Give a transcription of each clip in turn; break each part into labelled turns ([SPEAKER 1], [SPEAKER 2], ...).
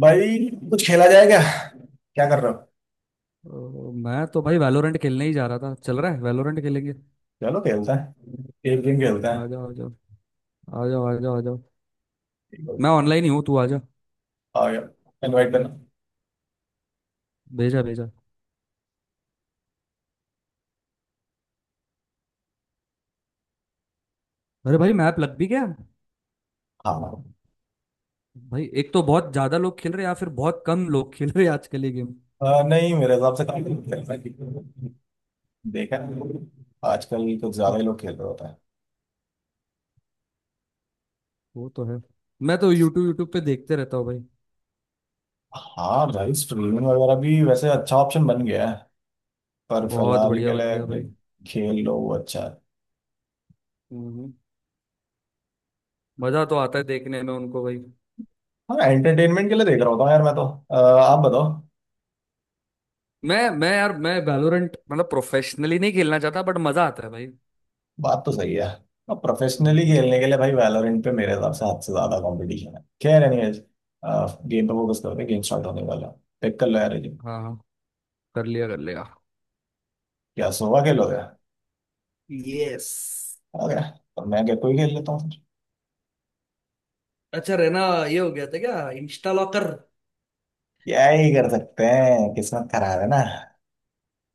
[SPEAKER 1] भाई, कुछ खेला जाए क्या? क्या कर रहे हो?
[SPEAKER 2] ओ, मैं तो भाई वैलोरेंट खेलने ही जा रहा था। चल रहा है, वैलोरेंट खेलेंगे।
[SPEAKER 1] चलो खेलता है। एक गेम खेलता
[SPEAKER 2] आ
[SPEAKER 1] है।
[SPEAKER 2] जाओ, आ जाओ, आ जाओ, आ जाओ, आ जाओ।
[SPEAKER 1] ठीक हो
[SPEAKER 2] मैं ऑनलाइन ही हूँ, तू आ जा।
[SPEAKER 1] गया। आ गया। इनवाइट करना।
[SPEAKER 2] भेजा भेजा। अरे भाई, मैप लग भी गया।
[SPEAKER 1] हाँ।
[SPEAKER 2] भाई, एक तो बहुत ज्यादा लोग खेल रहे हैं या फिर बहुत कम लोग खेल रहे हैं आजकल ये गेम।
[SPEAKER 1] नहीं, मेरे हिसाब से काफी लोग खेलते हैं। देखा है, आजकल कुछ ज्यादा ही लोग खेल रहे होता है।
[SPEAKER 2] वो तो है। मैं तो यूट्यूब यूट्यूब पे देखते रहता हूँ भाई।
[SPEAKER 1] हाँ भाई, स्ट्रीमिंग वगैरह भी वैसे अच्छा ऑप्शन बन गया है। पर
[SPEAKER 2] बहुत
[SPEAKER 1] फिलहाल
[SPEAKER 2] बढ़िया
[SPEAKER 1] के
[SPEAKER 2] बन गया
[SPEAKER 1] लिए
[SPEAKER 2] भाई।
[SPEAKER 1] खेल लो, वो अच्छा है।
[SPEAKER 2] हम्म, मजा तो आता है देखने में उनको भाई।
[SPEAKER 1] हाँ, एंटरटेनमेंट के लिए देख रहा होता हूँ यार मैं तो। आ, आप बताओ।
[SPEAKER 2] मैं यार, मैं वैलोरेंट मतलब प्रोफेशनली नहीं खेलना चाहता, बट मजा आता है भाई।
[SPEAKER 1] बात तो सही है। अब प्रोफेशनली
[SPEAKER 2] हम्म,
[SPEAKER 1] खेलने के लिए भाई वैलोरेंट पे मेरे हिसाब से हद से ज्यादा कंपटीशन है। खैर एनीवेज। गेम पे फोकस करते हैं, गेम स्टार्ट होने वाला है। पिक कर लो यार ये game।
[SPEAKER 2] हाँ हाँ। कर लिया, कर लिया।
[SPEAKER 1] क्या सोवा खेलोगे? आ
[SPEAKER 2] यस।
[SPEAKER 1] गया। तो मैं क्या कोई खेल लेता हूँ फिर।
[SPEAKER 2] अच्छा रहना। ये हो गया था क्या इंस्टा लॉकर।
[SPEAKER 1] क्या ही कर सकते हैं, किस्मत खराब है ना।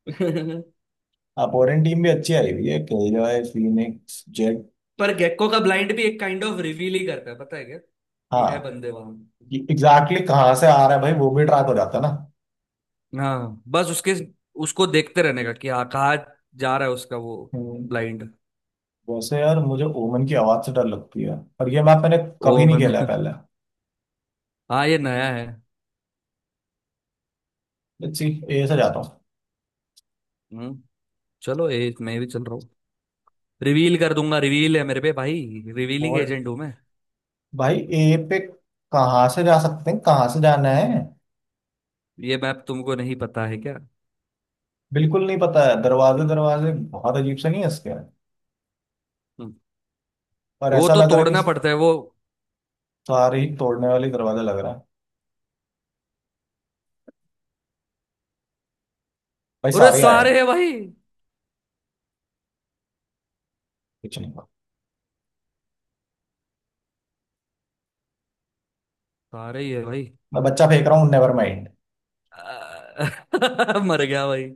[SPEAKER 1] अपोनेंट टीम भी अच्छी आई हुई है, किलजॉय, फीनिक्स, जेट।
[SPEAKER 2] पर गेको का ब्लाइंड भी एक काइंड ऑफ रिवील ही करता है, पता है क्या कि है
[SPEAKER 1] हाँ,
[SPEAKER 2] बंदे वहां।
[SPEAKER 1] एग्जैक्टली कहाँ से आ रहा है भाई, वो भी ट्रैक हो जाता है ना।
[SPEAKER 2] हाँ, बस उसके, उसको देखते रहने का कि हाँ, कहाँ जा रहा है उसका वो
[SPEAKER 1] हम्म।
[SPEAKER 2] ब्लाइंड।
[SPEAKER 1] वैसे यार, मुझे ओमन की आवाज से डर लगती है। और ये मैप मैंने
[SPEAKER 2] ओ
[SPEAKER 1] कभी नहीं
[SPEAKER 2] मन।
[SPEAKER 1] खेला है पहले।
[SPEAKER 2] हाँ, ये नया है।
[SPEAKER 1] Let's see. ए से जाता
[SPEAKER 2] हम्म चलो, ये मैं भी चल रहा हूँ। रिवील कर दूंगा, रिवील है मेरे पे भाई। रिवीलिंग
[SPEAKER 1] हूँ
[SPEAKER 2] एजेंट हूँ मैं।
[SPEAKER 1] भाई। ए पे कहाँ से जा सकते हैं? कहाँ से जाना है?
[SPEAKER 2] ये मैप तुमको नहीं पता है क्या।
[SPEAKER 1] बिल्कुल नहीं पता है, दरवाजे दरवाजे बहुत अजीब से नहीं है इसके?
[SPEAKER 2] हम्म,
[SPEAKER 1] और
[SPEAKER 2] वो
[SPEAKER 1] ऐसा
[SPEAKER 2] तो
[SPEAKER 1] लग रहा है कि
[SPEAKER 2] तोड़ना पड़ता है वो।
[SPEAKER 1] सारे ही तोड़ने वाले दरवाजा लग रहा है। भाई
[SPEAKER 2] अरे
[SPEAKER 1] सारे आया
[SPEAKER 2] सारे है
[SPEAKER 1] है।
[SPEAKER 2] भाई।
[SPEAKER 1] कुछ नहीं हुआ।
[SPEAKER 2] सारे ही है भाई।
[SPEAKER 1] मैं बच्चा फेंक रहा हूँ, नेवर माइंड।
[SPEAKER 2] आ, मर गया भाई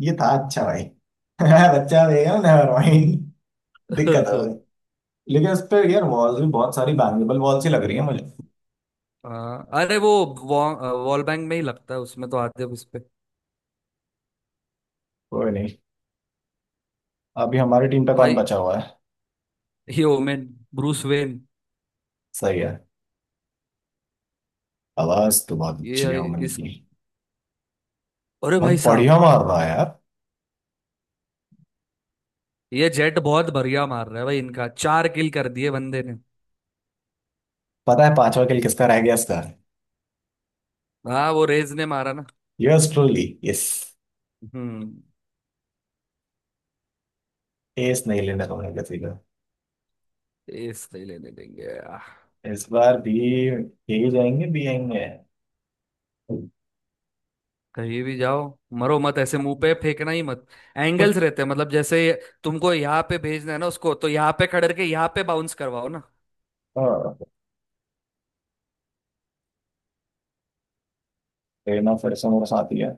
[SPEAKER 1] ये था अच्छा भाई। मैं बच्चा फेंक रहा हूँ, नेवर माइंड। दिक्कत हो गई। लेकिन इस पे यार वॉल्स भी बहुत सारी बैंगेबल वॉल्स ही लग रही है मुझे।
[SPEAKER 2] अरे वो वॉल बैंग में ही लगता है, उसमें तो आते हैं उस पे।
[SPEAKER 1] कोई नहीं। अभी हमारी टीम पे कौन
[SPEAKER 2] भाई
[SPEAKER 1] बचा हुआ है?
[SPEAKER 2] ही ओमेन। Bruce Wayne.
[SPEAKER 1] सही है। आवाज तो बहुत अच्छी है
[SPEAKER 2] ये,
[SPEAKER 1] अमन
[SPEAKER 2] इस,
[SPEAKER 1] की।
[SPEAKER 2] अरे
[SPEAKER 1] बहुत
[SPEAKER 2] भाई साहब।
[SPEAKER 1] बढ़िया मार रहा है यार।
[SPEAKER 2] ये जेट बहुत बढ़िया मार रहा है भाई, इनका 4 किल कर दिए बंदे ने।
[SPEAKER 1] पता है पांचवा किल किसका रह गया इसका?
[SPEAKER 2] हाँ, वो रेज ने मारा ना।
[SPEAKER 1] Yes truly. यस।
[SPEAKER 2] हम्म
[SPEAKER 1] एस नहीं लेना होगा किसी का।
[SPEAKER 2] इस नहीं लेने देंगे।
[SPEAKER 1] इस बार भी यही जाएंगे, बी आएंगे।
[SPEAKER 2] कहीं भी जाओ। मरो मत, ऐसे मुंह पे फेंकना ही मत।
[SPEAKER 1] कुछ।
[SPEAKER 2] एंगल्स रहते हैं, मतलब जैसे तुमको यहाँ पे भेजना है ना उसको, तो यहाँ पे खड़े के यहाँ पे बाउंस करवाओ ना।
[SPEAKER 1] हाँ, लेना फिर से मेरे साथ ही है।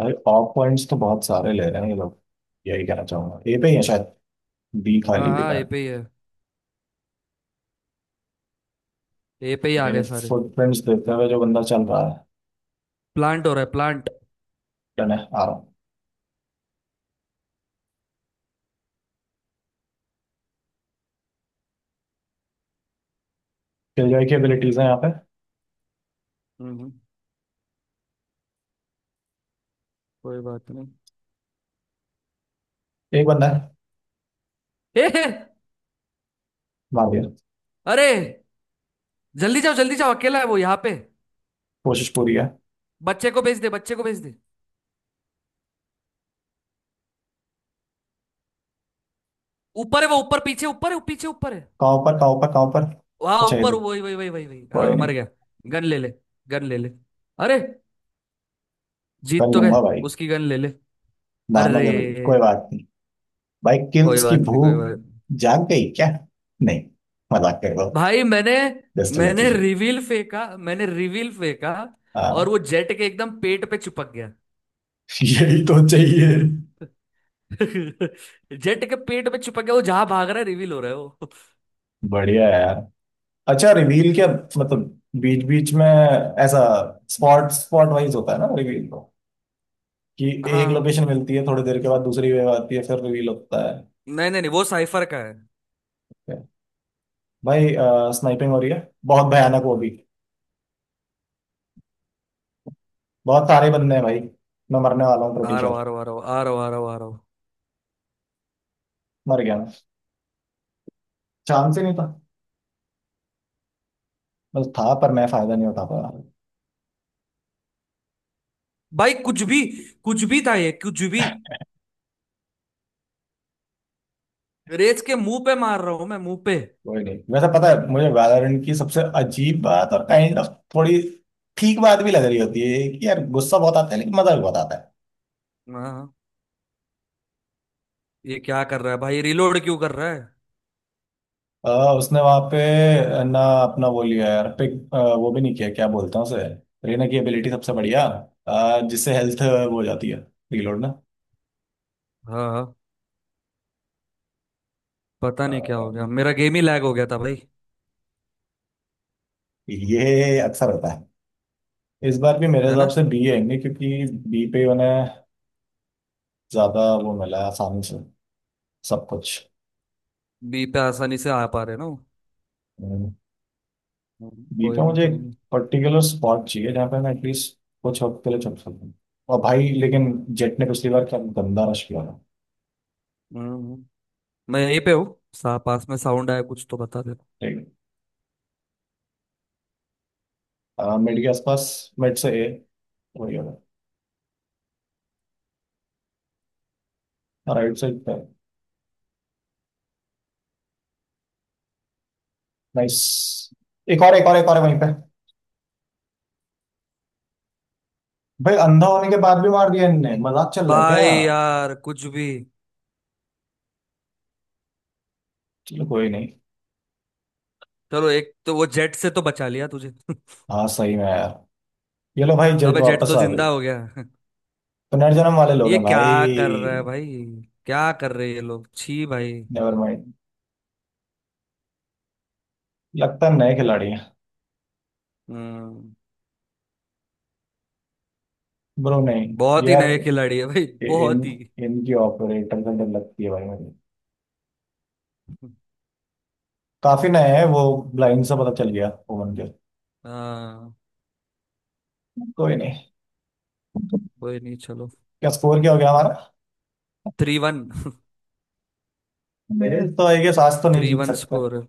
[SPEAKER 1] भाई ऑफ पॉइंट्स तो बहुत सारे ले रहे हैं ये लोग। यही कहना चाहूंगा, ए पे ही है शायद। बी
[SPEAKER 2] हाँ
[SPEAKER 1] खाली दिख
[SPEAKER 2] हाँ,
[SPEAKER 1] रहा
[SPEAKER 2] ये
[SPEAKER 1] है।
[SPEAKER 2] पे ही है। ए पे ही आ
[SPEAKER 1] मेरे
[SPEAKER 2] गए सारे।
[SPEAKER 1] फुटप्रिंट्स देखते हुए जो बंदा चल रहा है।
[SPEAKER 2] प्लांट हो रहा है, प्लांट।
[SPEAKER 1] डन है, आ रहा हूँ। किलजॉय की एबिलिटीज है यहाँ पे।
[SPEAKER 2] हम्म कोई बात नहीं।
[SPEAKER 1] एक बंदा है।
[SPEAKER 2] ए हे!
[SPEAKER 1] मार दिया।
[SPEAKER 2] अरे, जल्दी जाओ, जल्दी जाओ, अकेला है वो यहाँ पे।
[SPEAKER 1] कोशिश पूरी है।
[SPEAKER 2] बच्चे को भेज दे, बच्चे को भेज दे। ऊपर है वो, ऊपर पीछे, ऊपर है पीछे, ऊपर है।
[SPEAKER 1] कहाँ पर, कहाँ पर, कहाँ पर?
[SPEAKER 2] वहां
[SPEAKER 1] अच्छा
[SPEAKER 2] ऊपर,
[SPEAKER 1] इधर।
[SPEAKER 2] वही वही वही वही वही।
[SPEAKER 1] कोई
[SPEAKER 2] हाँ,
[SPEAKER 1] नहीं।
[SPEAKER 2] मर गया। गन ले ले, गन ले ले। अरे,
[SPEAKER 1] कर
[SPEAKER 2] जीत तो गए।
[SPEAKER 1] लूंगा भाई।
[SPEAKER 2] उसकी गन ले ले।
[SPEAKER 1] मारना
[SPEAKER 2] अरे,
[SPEAKER 1] जरूरी, कोई बात नहीं। भाई
[SPEAKER 2] कोई
[SPEAKER 1] किल्स की
[SPEAKER 2] बात नहीं, कोई
[SPEAKER 1] भूख
[SPEAKER 2] बात नहीं।
[SPEAKER 1] जाग गई क्या? नहीं, मजाक कर रहा हूँ।
[SPEAKER 2] भाई, मैंने
[SPEAKER 1] जस्ट
[SPEAKER 2] मैंने
[SPEAKER 1] एलेक्शन।
[SPEAKER 2] रिवील फेंका, मैंने रिवील फेंका। और
[SPEAKER 1] हाँ,
[SPEAKER 2] वो जेट के एकदम पेट पे चिपक गया।
[SPEAKER 1] यही तो चाहिए।
[SPEAKER 2] जेट के पेट में चिपक गया वो, जहां भाग रहा है रिवील हो रहा है वो।
[SPEAKER 1] बढ़िया है यार। अच्छा, रिवील क्या मतलब? बीच बीच में ऐसा स्पॉट स्पॉट वाइज होता है ना रिवील तो? कि एक
[SPEAKER 2] हाँ,
[SPEAKER 1] लोकेशन मिलती है, थोड़ी देर के बाद दूसरी वेव आती है, फिर रिवील होता है।
[SPEAKER 2] नहीं नहीं नहीं, वो साइफर का है।
[SPEAKER 1] क्या? भाई स्नाइपिंग हो रही है बहुत भयानक वो भी। बहुत सारे बंदे हैं भाई। मैं मरने वाला हूँ
[SPEAKER 2] आ
[SPEAKER 1] ब्रिटिश,
[SPEAKER 2] रहा
[SPEAKER 1] और
[SPEAKER 2] हूँ, आ रहा हूँ, आ रहा हूँ, आ रहा हूँ, आ रहा हूँ, आ रहा हूँ।
[SPEAKER 1] मर गया मैं। चांस ही नहीं था। बस था पर मैं फायदा नहीं उठा पाया।
[SPEAKER 2] भाई कुछ भी, कुछ भी था ये, कुछ भी। रेस के मुंह पे मार रहा हूँ मैं, मुंह पे।
[SPEAKER 1] कोई नहीं, वैसे पता है मुझे वैलोरेंट की सबसे अजीब बात, और काइंड ऑफ थोड़ी ठीक बात भी लग रही होती है कि यार गुस्सा बहुत आता है, लेकिन मजा भी बहुत आता है।
[SPEAKER 2] हाँ, ये क्या कर रहा है भाई, रिलोड क्यों कर रहा है।
[SPEAKER 1] अ, उसने वहां पे ना अपना वो लिया यार, पिक वो भी नहीं किया, क्या बोलते हैं उसे? रीना की एबिलिटी सबसे बढ़िया, जिससे हेल्थ वो हो जाती है। रीलोड ना।
[SPEAKER 2] हाँ हाँ, पता
[SPEAKER 1] अ,
[SPEAKER 2] नहीं क्या हो गया, मेरा गेम ही लैग हो गया था भाई।
[SPEAKER 1] ये अक्सर होता है। इस बार भी मेरे
[SPEAKER 2] है
[SPEAKER 1] हिसाब
[SPEAKER 2] ना।
[SPEAKER 1] से बी आएंगे, क्योंकि बी पे उन्हें ज्यादा वो मिला है आसानी से, सब कुछ।
[SPEAKER 2] बी पे आसानी से आ पा रहे ना वो।
[SPEAKER 1] हम्म।
[SPEAKER 2] कोई
[SPEAKER 1] गीता
[SPEAKER 2] नहीं,
[SPEAKER 1] मुझे एक
[SPEAKER 2] कोई नहीं।
[SPEAKER 1] पर्टिकुलर स्पॉट चाहिए जहाँ पे मैं एटलीस्ट कुछ वक्त के लिए चल सकूँ। और भाई लेकिन जेट ने पिछली बार क्या गंदा रश किया था।
[SPEAKER 2] हम्म, हम्म। मैं यहीं पे हूँ, सा पास में साउंड आया कुछ तो बता दे।
[SPEAKER 1] ठीक है, मिड के आसपास, मिड से ए, वही होगा। राइट साइड पे। नाइस। एक और, एक और, एक और है वहीं पे। भाई अंधा होने के बाद भी मार दिया इनने, मजाक चल रहा है क्या
[SPEAKER 2] भाई
[SPEAKER 1] यार?
[SPEAKER 2] यार कुछ भी।
[SPEAKER 1] चलो कोई नहीं।
[SPEAKER 2] चलो, एक तो वो जेट से तो बचा लिया तुझे।
[SPEAKER 1] हाँ सही में यार। ये लो भाई जेट
[SPEAKER 2] अबे, जेट
[SPEAKER 1] वापस
[SPEAKER 2] तो
[SPEAKER 1] आ
[SPEAKER 2] जिंदा
[SPEAKER 1] गई।
[SPEAKER 2] हो गया।
[SPEAKER 1] पुनर्जन्म वाले लोग
[SPEAKER 2] ये
[SPEAKER 1] हैं
[SPEAKER 2] क्या
[SPEAKER 1] भाई।
[SPEAKER 2] कर रहा है भाई, क्या कर रहे हैं ये लोग, छी भाई।
[SPEAKER 1] Never mind. लगता है नए खिलाड़ी हैं।
[SPEAKER 2] हम्म
[SPEAKER 1] ब्रो नहीं
[SPEAKER 2] बहुत ही
[SPEAKER 1] यार,
[SPEAKER 2] नए खिलाड़ी है भाई।
[SPEAKER 1] इन
[SPEAKER 2] बहुत ही।
[SPEAKER 1] इनकी ऑपरेटर का डर लगती है भाई मुझे। काफी नया है वो। ब्लाइंड से पता चल गया ओवन के।
[SPEAKER 2] हाँ,
[SPEAKER 1] कोई नहीं।
[SPEAKER 2] कोई नहीं, चलो।
[SPEAKER 1] क्या स्कोर क्या हो गया हमारा?
[SPEAKER 2] 3-1।
[SPEAKER 1] मेरे तो आई गेस आज तो नहीं
[SPEAKER 2] थ्री
[SPEAKER 1] जीत
[SPEAKER 2] वन
[SPEAKER 1] सकते।
[SPEAKER 2] स्कोर।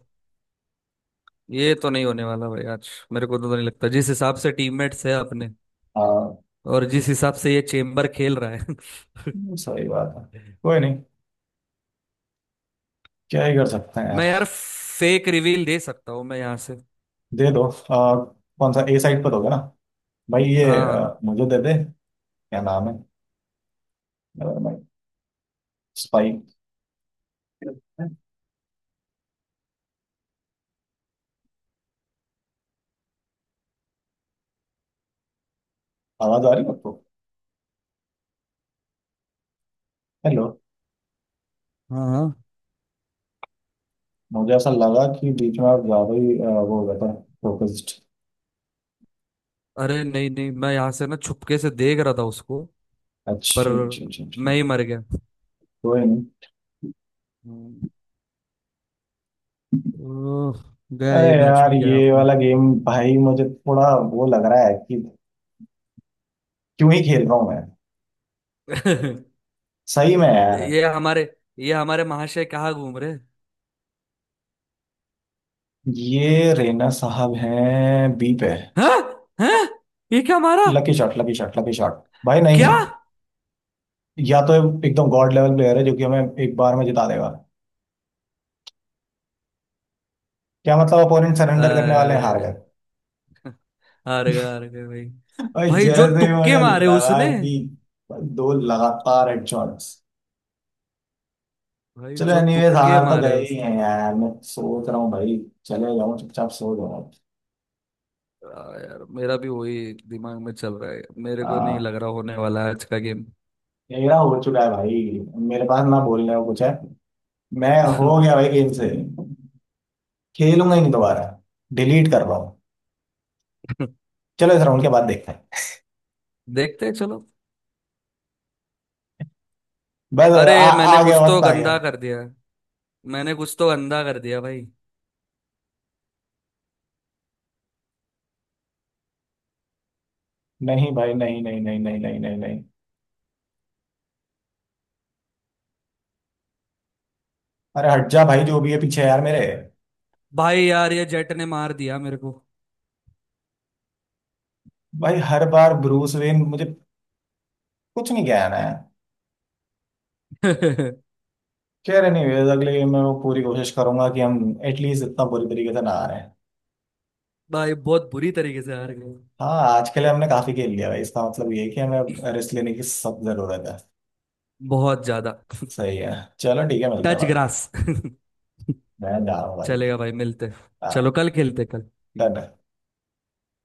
[SPEAKER 2] ये तो नहीं होने वाला भाई, आज मेरे को तो नहीं लगता, जिस हिसाब से टीममेट्स है अपने
[SPEAKER 1] हाँ,
[SPEAKER 2] और जिस हिसाब से ये चेम्बर खेल रहा है।
[SPEAKER 1] सही बात है। कोई नहीं, क्या ही कर सकते हैं
[SPEAKER 2] मैं
[SPEAKER 1] यार।
[SPEAKER 2] यार फेक रिवील दे सकता हूँ मैं यहाँ से।
[SPEAKER 1] दे दो। कौन सा? ए साइड पर होगा ना। भाई ये
[SPEAKER 2] हाँ
[SPEAKER 1] मुझे दे दे। क्या नाम है? Never mind. स्पाइक। आवाज आ रही है आपको? हेलो।
[SPEAKER 2] हाँ हाँ।
[SPEAKER 1] मुझे ऐसा लगा कि बीच में आप ज्यादा ही वो हो गया था, फोकस्ड।
[SPEAKER 2] अरे नहीं नहीं, मैं यहाँ से ना छुपके से देख रहा था उसको। पर
[SPEAKER 1] अच्छा, अच्छा, अच्छा, अच्छा।
[SPEAKER 2] मैं ही मर गया।
[SPEAKER 1] कोई नहीं।
[SPEAKER 2] हम्म, ओह, गया
[SPEAKER 1] अरे
[SPEAKER 2] ये मैच
[SPEAKER 1] यार,
[SPEAKER 2] भी, गया
[SPEAKER 1] ये
[SPEAKER 2] अपना।
[SPEAKER 1] वाला गेम भाई मुझे थोड़ा वो लग रहा है कि क्यों ही खेल रहा हूँ मैं। सही में यार।
[SPEAKER 2] ये हमारे ये हमारे महाशय कहाँ घूम रहे
[SPEAKER 1] ये रेना साहब हैं बी पे।
[SPEAKER 2] हैं। हैं, ये क्या मारा,
[SPEAKER 1] lucky shot, lucky shot, lucky shot. भाई नहीं,
[SPEAKER 2] क्या।
[SPEAKER 1] या तो एकदम गॉड लेवल प्लेयर है जो कि हमें एक बार में जिता देगा। क्या मतलब अपोनेंट सरेंडर करने वाले हैं? हार
[SPEAKER 2] अरे,
[SPEAKER 1] गए?
[SPEAKER 2] हार गए, हार गए भाई।
[SPEAKER 1] और
[SPEAKER 2] भाई जो
[SPEAKER 1] जैसे ही
[SPEAKER 2] तुक्के
[SPEAKER 1] मुझे
[SPEAKER 2] मारे
[SPEAKER 1] लगा
[SPEAKER 2] उसने,
[SPEAKER 1] कि दो लगातार हेडशॉट्स।
[SPEAKER 2] भाई
[SPEAKER 1] चलो
[SPEAKER 2] जो
[SPEAKER 1] एनीवेज,
[SPEAKER 2] तुक्के
[SPEAKER 1] हार तो
[SPEAKER 2] मारे
[SPEAKER 1] गए ही
[SPEAKER 2] उसने।
[SPEAKER 1] हैं यार, मैं सोच रहा हूँ भाई चले जाऊँ, चुपचाप सो जाऊँ।
[SPEAKER 2] आ, यार मेरा भी वही दिमाग में चल रहा है, मेरे को नहीं लग रहा होने वाला है आज का गेम।
[SPEAKER 1] मेरा हो चुका है भाई। मेरे पास ना बोलने को कुछ है। मैं हो गया भाई गेम से। खेलूंगा ही नहीं दोबारा। डिलीट कर रहा हूँ। चलो इस राउंड के बाद देखते हैं।
[SPEAKER 2] देखते हैं, चलो।
[SPEAKER 1] बस,
[SPEAKER 2] अरे मैंने
[SPEAKER 1] आ गया
[SPEAKER 2] कुछ तो
[SPEAKER 1] वक्त, आ गया।
[SPEAKER 2] गंदा कर दिया, मैंने कुछ तो गंदा कर दिया भाई।
[SPEAKER 1] नहीं भाई, नहीं नहीं नहीं नहीं नहीं नहीं नहीं। अरे हट जा भाई, जो भी है पीछे यार मेरे।
[SPEAKER 2] भाई यार, ये जेट ने मार दिया मेरे को।
[SPEAKER 1] भाई हर बार ब्रूस वेन, मुझे कुछ नहीं कहना है। खैर एनीवेज, अगले गेम में वो पूरी कोशिश करूंगा कि हम एटलीस्ट इतना बुरी तरीके से ना आ रहे हैं।
[SPEAKER 2] भाई बहुत बुरी तरीके से हार गए।
[SPEAKER 1] हाँ, आज के लिए हमने काफी खेल लिया भाई, इसका मतलब ये है कि हमें रेस्ट लेने की सब जरूरत है।
[SPEAKER 2] बहुत ज्यादा।
[SPEAKER 1] सही है। चलो ठीक है, मिलते हैं
[SPEAKER 2] टच
[SPEAKER 1] बाद में।
[SPEAKER 2] ग्रास।
[SPEAKER 1] मैं ना
[SPEAKER 2] चलेगा
[SPEAKER 1] वही,
[SPEAKER 2] भाई, मिलते हैं।
[SPEAKER 1] आह,
[SPEAKER 2] चलो कल खेलते हैं, कल
[SPEAKER 1] तने।